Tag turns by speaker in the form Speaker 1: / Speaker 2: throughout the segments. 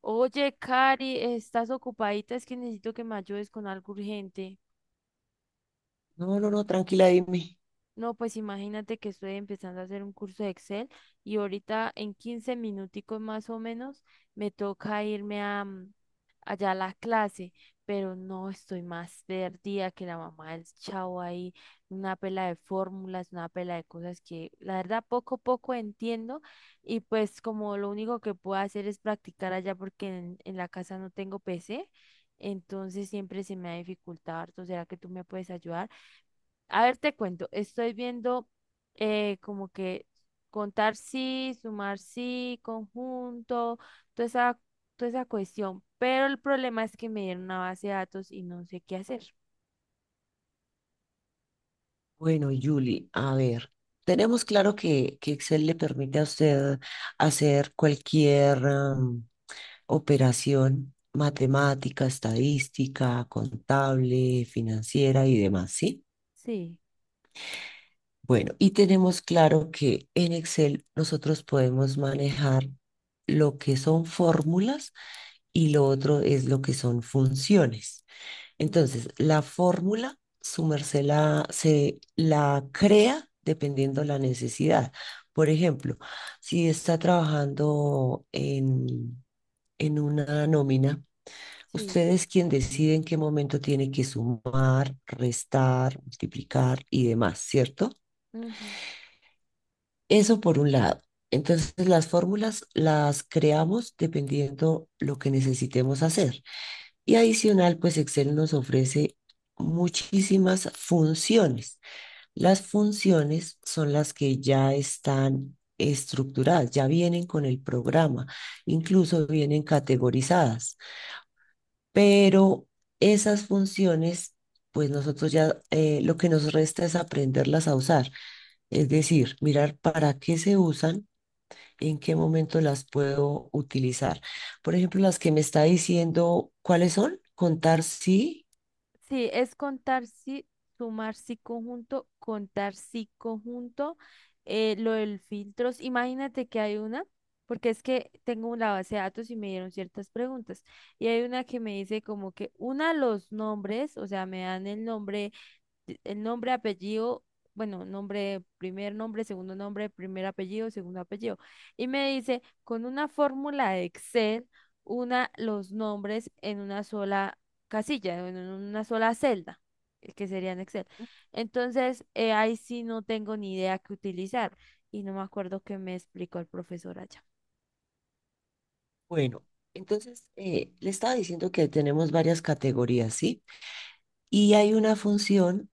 Speaker 1: Oye, Cari, ¿estás ocupadita? Es que necesito que me ayudes con algo urgente.
Speaker 2: No, no, no, tranquila, dime.
Speaker 1: No, pues imagínate que estoy empezando a hacer un curso de Excel y ahorita en 15 minuticos más o menos me toca irme a allá a la clase, pero no estoy más perdida que la mamá del chavo ahí, una pela de fórmulas, una pela de cosas que la verdad poco a poco entiendo, y pues como lo único que puedo hacer es practicar allá porque en la casa no tengo PC, entonces siempre se me ha dificultado harto. ¿Será que tú me puedes ayudar? A ver, te cuento, estoy viendo como que contar sí, sumar sí, conjunto, toda esa, toda esa cuestión, pero el problema es que me dieron una base de datos y no sé qué hacer.
Speaker 2: Bueno, Julie, a ver, tenemos claro que Excel le permite a usted hacer cualquier operación matemática, estadística, contable, financiera y demás, ¿sí?
Speaker 1: Sí.
Speaker 2: Bueno, y tenemos claro que en Excel nosotros podemos manejar lo que son fórmulas y lo otro es lo que son funciones.
Speaker 1: Mm.
Speaker 2: Entonces, la fórmula, se la crea dependiendo la necesidad. Por ejemplo, si está trabajando en una nómina,
Speaker 1: Sí.
Speaker 2: usted es quien decide en qué momento tiene que sumar, restar, multiplicar y demás, ¿cierto?
Speaker 1: Ujú.
Speaker 2: Eso por un lado. Entonces, las fórmulas las creamos dependiendo lo que necesitemos hacer. Y adicional, pues Excel nos ofrece muchísimas funciones.
Speaker 1: Ujú.
Speaker 2: Las funciones son las que ya están estructuradas, ya vienen con el programa, incluso vienen categorizadas, pero esas funciones, pues nosotros ya lo que nos resta es aprenderlas a usar, es decir, mirar para qué se usan, en qué momento las puedo utilizar. Por ejemplo, las que me está diciendo cuáles son, contar sí.
Speaker 1: Sí, es contar sí, sumar sí conjunto, contar sí conjunto, lo del filtros. Imagínate que hay una, porque es que tengo una base de datos y me dieron ciertas preguntas. Y hay una que me dice como que una los nombres, o sea, me dan el nombre, apellido, bueno, nombre, primer nombre, segundo nombre, primer apellido, segundo apellido. Y me dice, con una fórmula de Excel, una los nombres en una sola casilla, en una sola celda, que sería en Excel. Entonces, ahí sí no tengo ni idea qué utilizar y no me acuerdo qué me explicó el profesor allá.
Speaker 2: Bueno, entonces le estaba diciendo que tenemos varias categorías, ¿sí? Y hay una función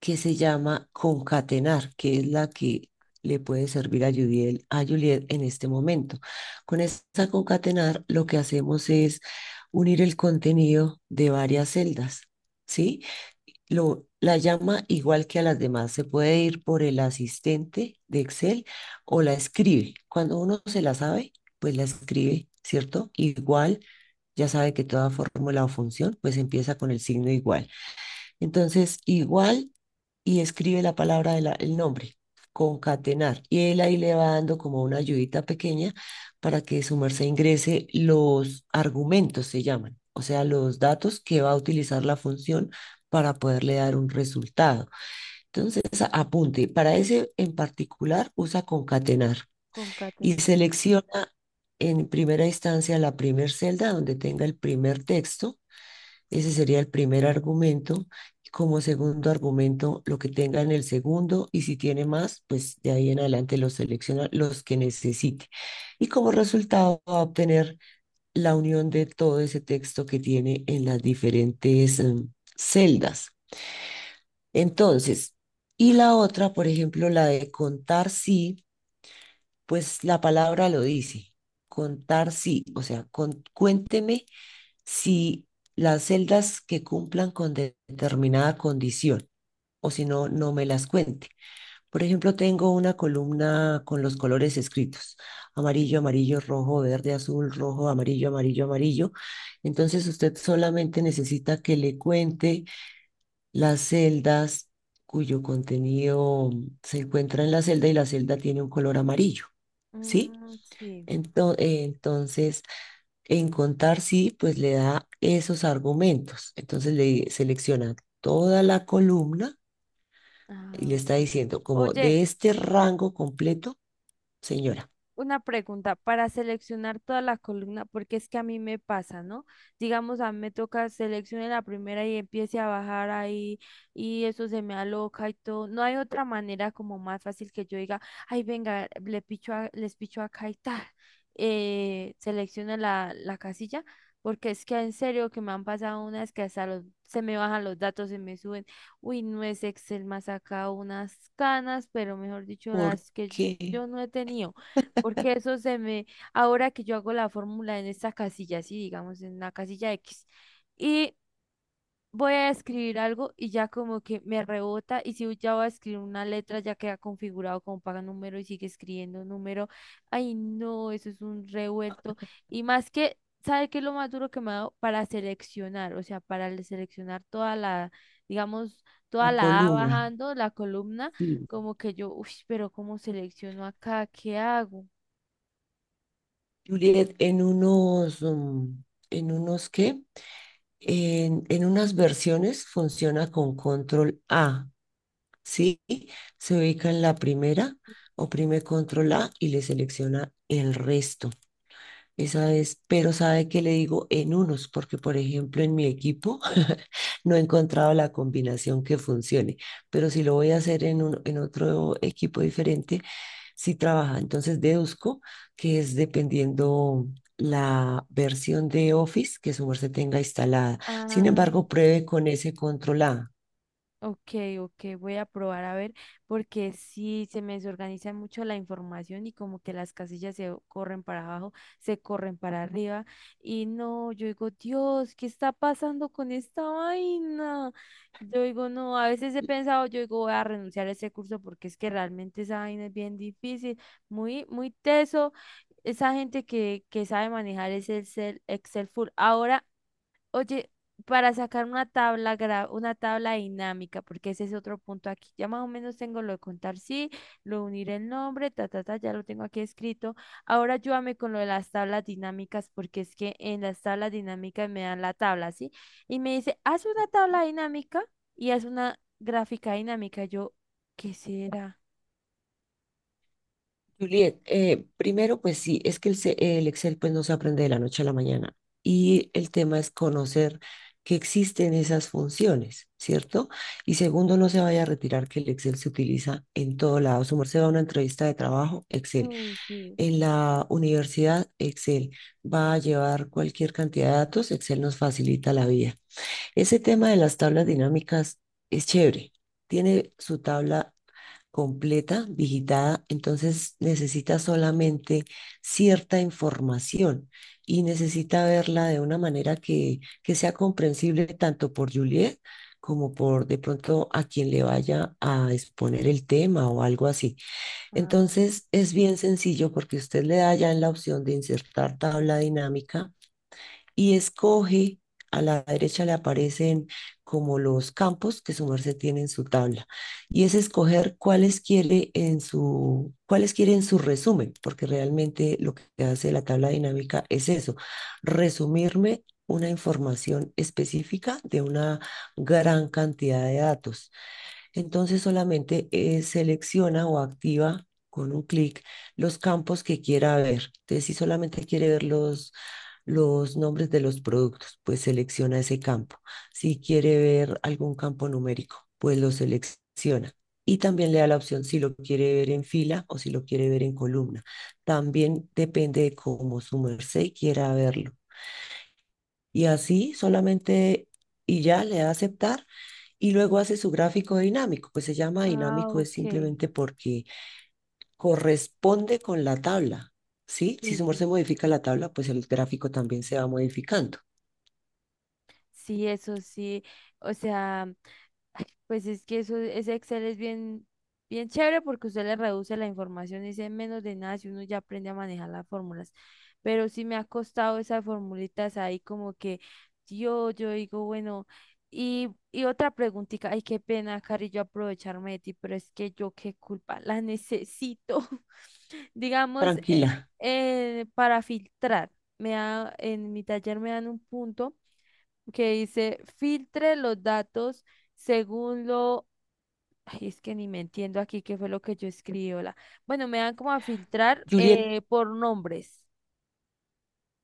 Speaker 2: que se llama concatenar, que es la que le puede servir a Juliet en este momento. Con esta concatenar, lo que hacemos es unir el contenido de varias celdas, ¿sí? La llama igual que a las demás. Se puede ir por el asistente de Excel o la escribe. Cuando uno se la sabe, pues la escribe, ¿cierto? Igual, ya sabe que toda fórmula o función, pues empieza con el signo igual. Entonces, igual y escribe la palabra del el nombre, concatenar. Y él ahí le va dando como una ayudita pequeña para que su merced ingrese los argumentos, se llaman, o sea, los datos que va a utilizar la función para poderle dar un resultado. Entonces, apunte, para ese en particular usa concatenar y
Speaker 1: Concatenar.
Speaker 2: selecciona en primera instancia la primera celda donde tenga el primer texto, ese sería el primer argumento. Como segundo argumento, lo que tenga en el segundo y si tiene más, pues de ahí en adelante los selecciona los que necesite. Y como resultado va a obtener la unión de todo ese texto que tiene en las diferentes celdas. Entonces, y la otra, por ejemplo, la de contar sí, pues la palabra lo dice, contar sí, o sea, cuénteme si las celdas que cumplan con determinada condición o si no, no me las cuente. Por ejemplo, tengo una columna con los colores escritos, amarillo, amarillo, rojo, verde, azul, rojo, amarillo, amarillo, amarillo. Entonces usted solamente necesita que le cuente las celdas cuyo contenido se encuentra en la celda y la celda tiene un color amarillo, ¿sí?
Speaker 1: Mm, sí.
Speaker 2: Entonces, en contar sí, pues le da esos argumentos. Entonces le selecciona toda la columna y
Speaker 1: Ah,
Speaker 2: le está
Speaker 1: ok.
Speaker 2: diciendo, como
Speaker 1: Oye,
Speaker 2: de este rango completo, señora,
Speaker 1: una pregunta. Para seleccionar toda la columna, porque es que a mí me pasa, ¿no? Digamos, a mí me toca seleccionar la primera y empiece a bajar ahí y eso se me aloca y todo. No hay otra manera como más fácil que yo diga, ay, venga, les picho acá y tal. Selecciona la casilla, porque es que en serio que me han pasado unas que hasta los- se me bajan los datos, se me suben. Uy, no es Excel, más acá unas canas, pero mejor dicho,
Speaker 2: ¿por
Speaker 1: las que
Speaker 2: qué
Speaker 1: yo no he tenido. Porque eso se me, ahora que yo hago la fórmula en esta casilla, sí, digamos en la casilla X, y voy a escribir algo y ya como que me rebota, y si ya voy a escribir una letra, ya queda configurado como paga número y sigue escribiendo número. Ay, no, eso es un revuelto. Y más que, ¿sabe qué es lo más duro que me ha dado? Para seleccionar, o sea, para seleccionar toda la, digamos, toda
Speaker 2: la
Speaker 1: la A
Speaker 2: columna?
Speaker 1: bajando, la columna,
Speaker 2: Sí.
Speaker 1: como que yo, uy, pero ¿cómo selecciono acá? ¿Qué hago?
Speaker 2: Juliet, en unos, mm, en unos qué? En unas versiones funciona con control A, ¿sí? Se ubica en la primera, oprime control A y le selecciona el resto. Esa es, pero sabe que le digo en unos, porque por ejemplo en mi equipo no he encontrado la combinación que funcione, pero si lo voy a hacer en otro equipo diferente, sí trabaja. Entonces deduzco que es dependiendo la versión de Office que su merced tenga instalada. Sin embargo,
Speaker 1: Ah,
Speaker 2: pruebe con ese control A.
Speaker 1: ok, ok, voy a probar a ver, porque sí se me desorganiza mucho la información y como que las casillas se corren para abajo, se corren para arriba y no, yo digo, Dios, ¿qué está pasando con esta vaina? Yo digo, no, a veces he pensado, yo digo, voy a renunciar a ese curso porque es que realmente esa vaina es bien difícil, muy, muy teso. Esa gente que sabe manejar ese Excel, Excel full. Ahora oye, para sacar una tabla dinámica, porque ese es otro punto aquí. Ya más o menos tengo lo de contar sí, lo de unir el nombre, ta, ta, ta, ya lo tengo aquí escrito. Ahora ayúdame con lo de las tablas dinámicas, porque es que en las tablas dinámicas me dan la tabla, ¿sí? Y me dice, haz una tabla dinámica y haz una gráfica dinámica. Yo, ¿qué será?
Speaker 2: Juliet, primero, pues sí, es que el Excel pues no se aprende de la noche a la mañana y el tema es conocer que existen esas funciones, ¿cierto? Y segundo, no se vaya a retirar que el Excel se utiliza en todo lado. Su merced va a una entrevista de trabajo, Excel.
Speaker 1: Uy, sí.
Speaker 2: En la universidad, Excel. Va a llevar cualquier cantidad de datos, Excel nos facilita la vida. Ese tema de las tablas dinámicas es chévere. Tiene su tabla completa, digitada, entonces necesita solamente cierta información y necesita verla de una manera que sea comprensible tanto por Juliet como por de pronto a quien le vaya a exponer el tema o algo así.
Speaker 1: Ah,
Speaker 2: Entonces es bien sencillo porque usted le da ya en la opción de insertar tabla dinámica y escoge, a la derecha le aparecen como los campos que su merced tiene en su tabla, y es escoger cuáles quiere en cuáles quiere en su resumen, porque realmente lo que hace la tabla dinámica es eso, resumirme una información específica de una gran cantidad de datos. Entonces solamente selecciona o activa con un clic los campos que quiera ver. Entonces, si solamente quiere ver los nombres de los productos, pues selecciona ese campo. Si quiere ver algún campo numérico, pues lo selecciona. Y también le da la opción si lo quiere ver en fila o si lo quiere ver en columna. También depende de cómo su merced quiera verlo. Y así solamente y ya le da aceptar y luego hace su gráfico dinámico. Pues se llama
Speaker 1: ah,
Speaker 2: dinámico es
Speaker 1: ok.
Speaker 2: simplemente porque corresponde con la tabla, ¿sí? Si
Speaker 1: Sí,
Speaker 2: su humor
Speaker 1: sí.
Speaker 2: se modifica la tabla, pues el gráfico también se va modificando.
Speaker 1: Sí, eso sí. O sea, pues es que eso, ese Excel es bien, bien chévere porque usted le reduce la información y dice: "En menos de nada si uno ya aprende a manejar las fórmulas". Pero sí me ha costado esas formulitas ahí, como que yo digo, bueno, y otra preguntita, ay, qué pena, Cari, yo aprovecharme de ti, pero es que yo qué culpa, la necesito. Digamos,
Speaker 2: Tranquila.
Speaker 1: para filtrar, me da, en mi taller me dan un punto que dice filtre los datos según lo, ay, es que ni me entiendo aquí qué fue lo que yo escribí, hola. Bueno, me dan como a filtrar
Speaker 2: Juliet,
Speaker 1: por nombres.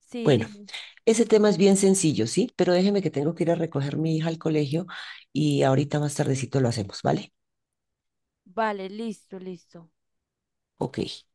Speaker 1: Sí,
Speaker 2: bueno,
Speaker 1: dime.
Speaker 2: ese tema es bien sencillo, ¿sí? Pero déjeme que tengo que ir a recoger a mi hija al colegio y ahorita más tardecito lo hacemos, ¿vale?
Speaker 1: Vale, listo, listo.
Speaker 2: Ok.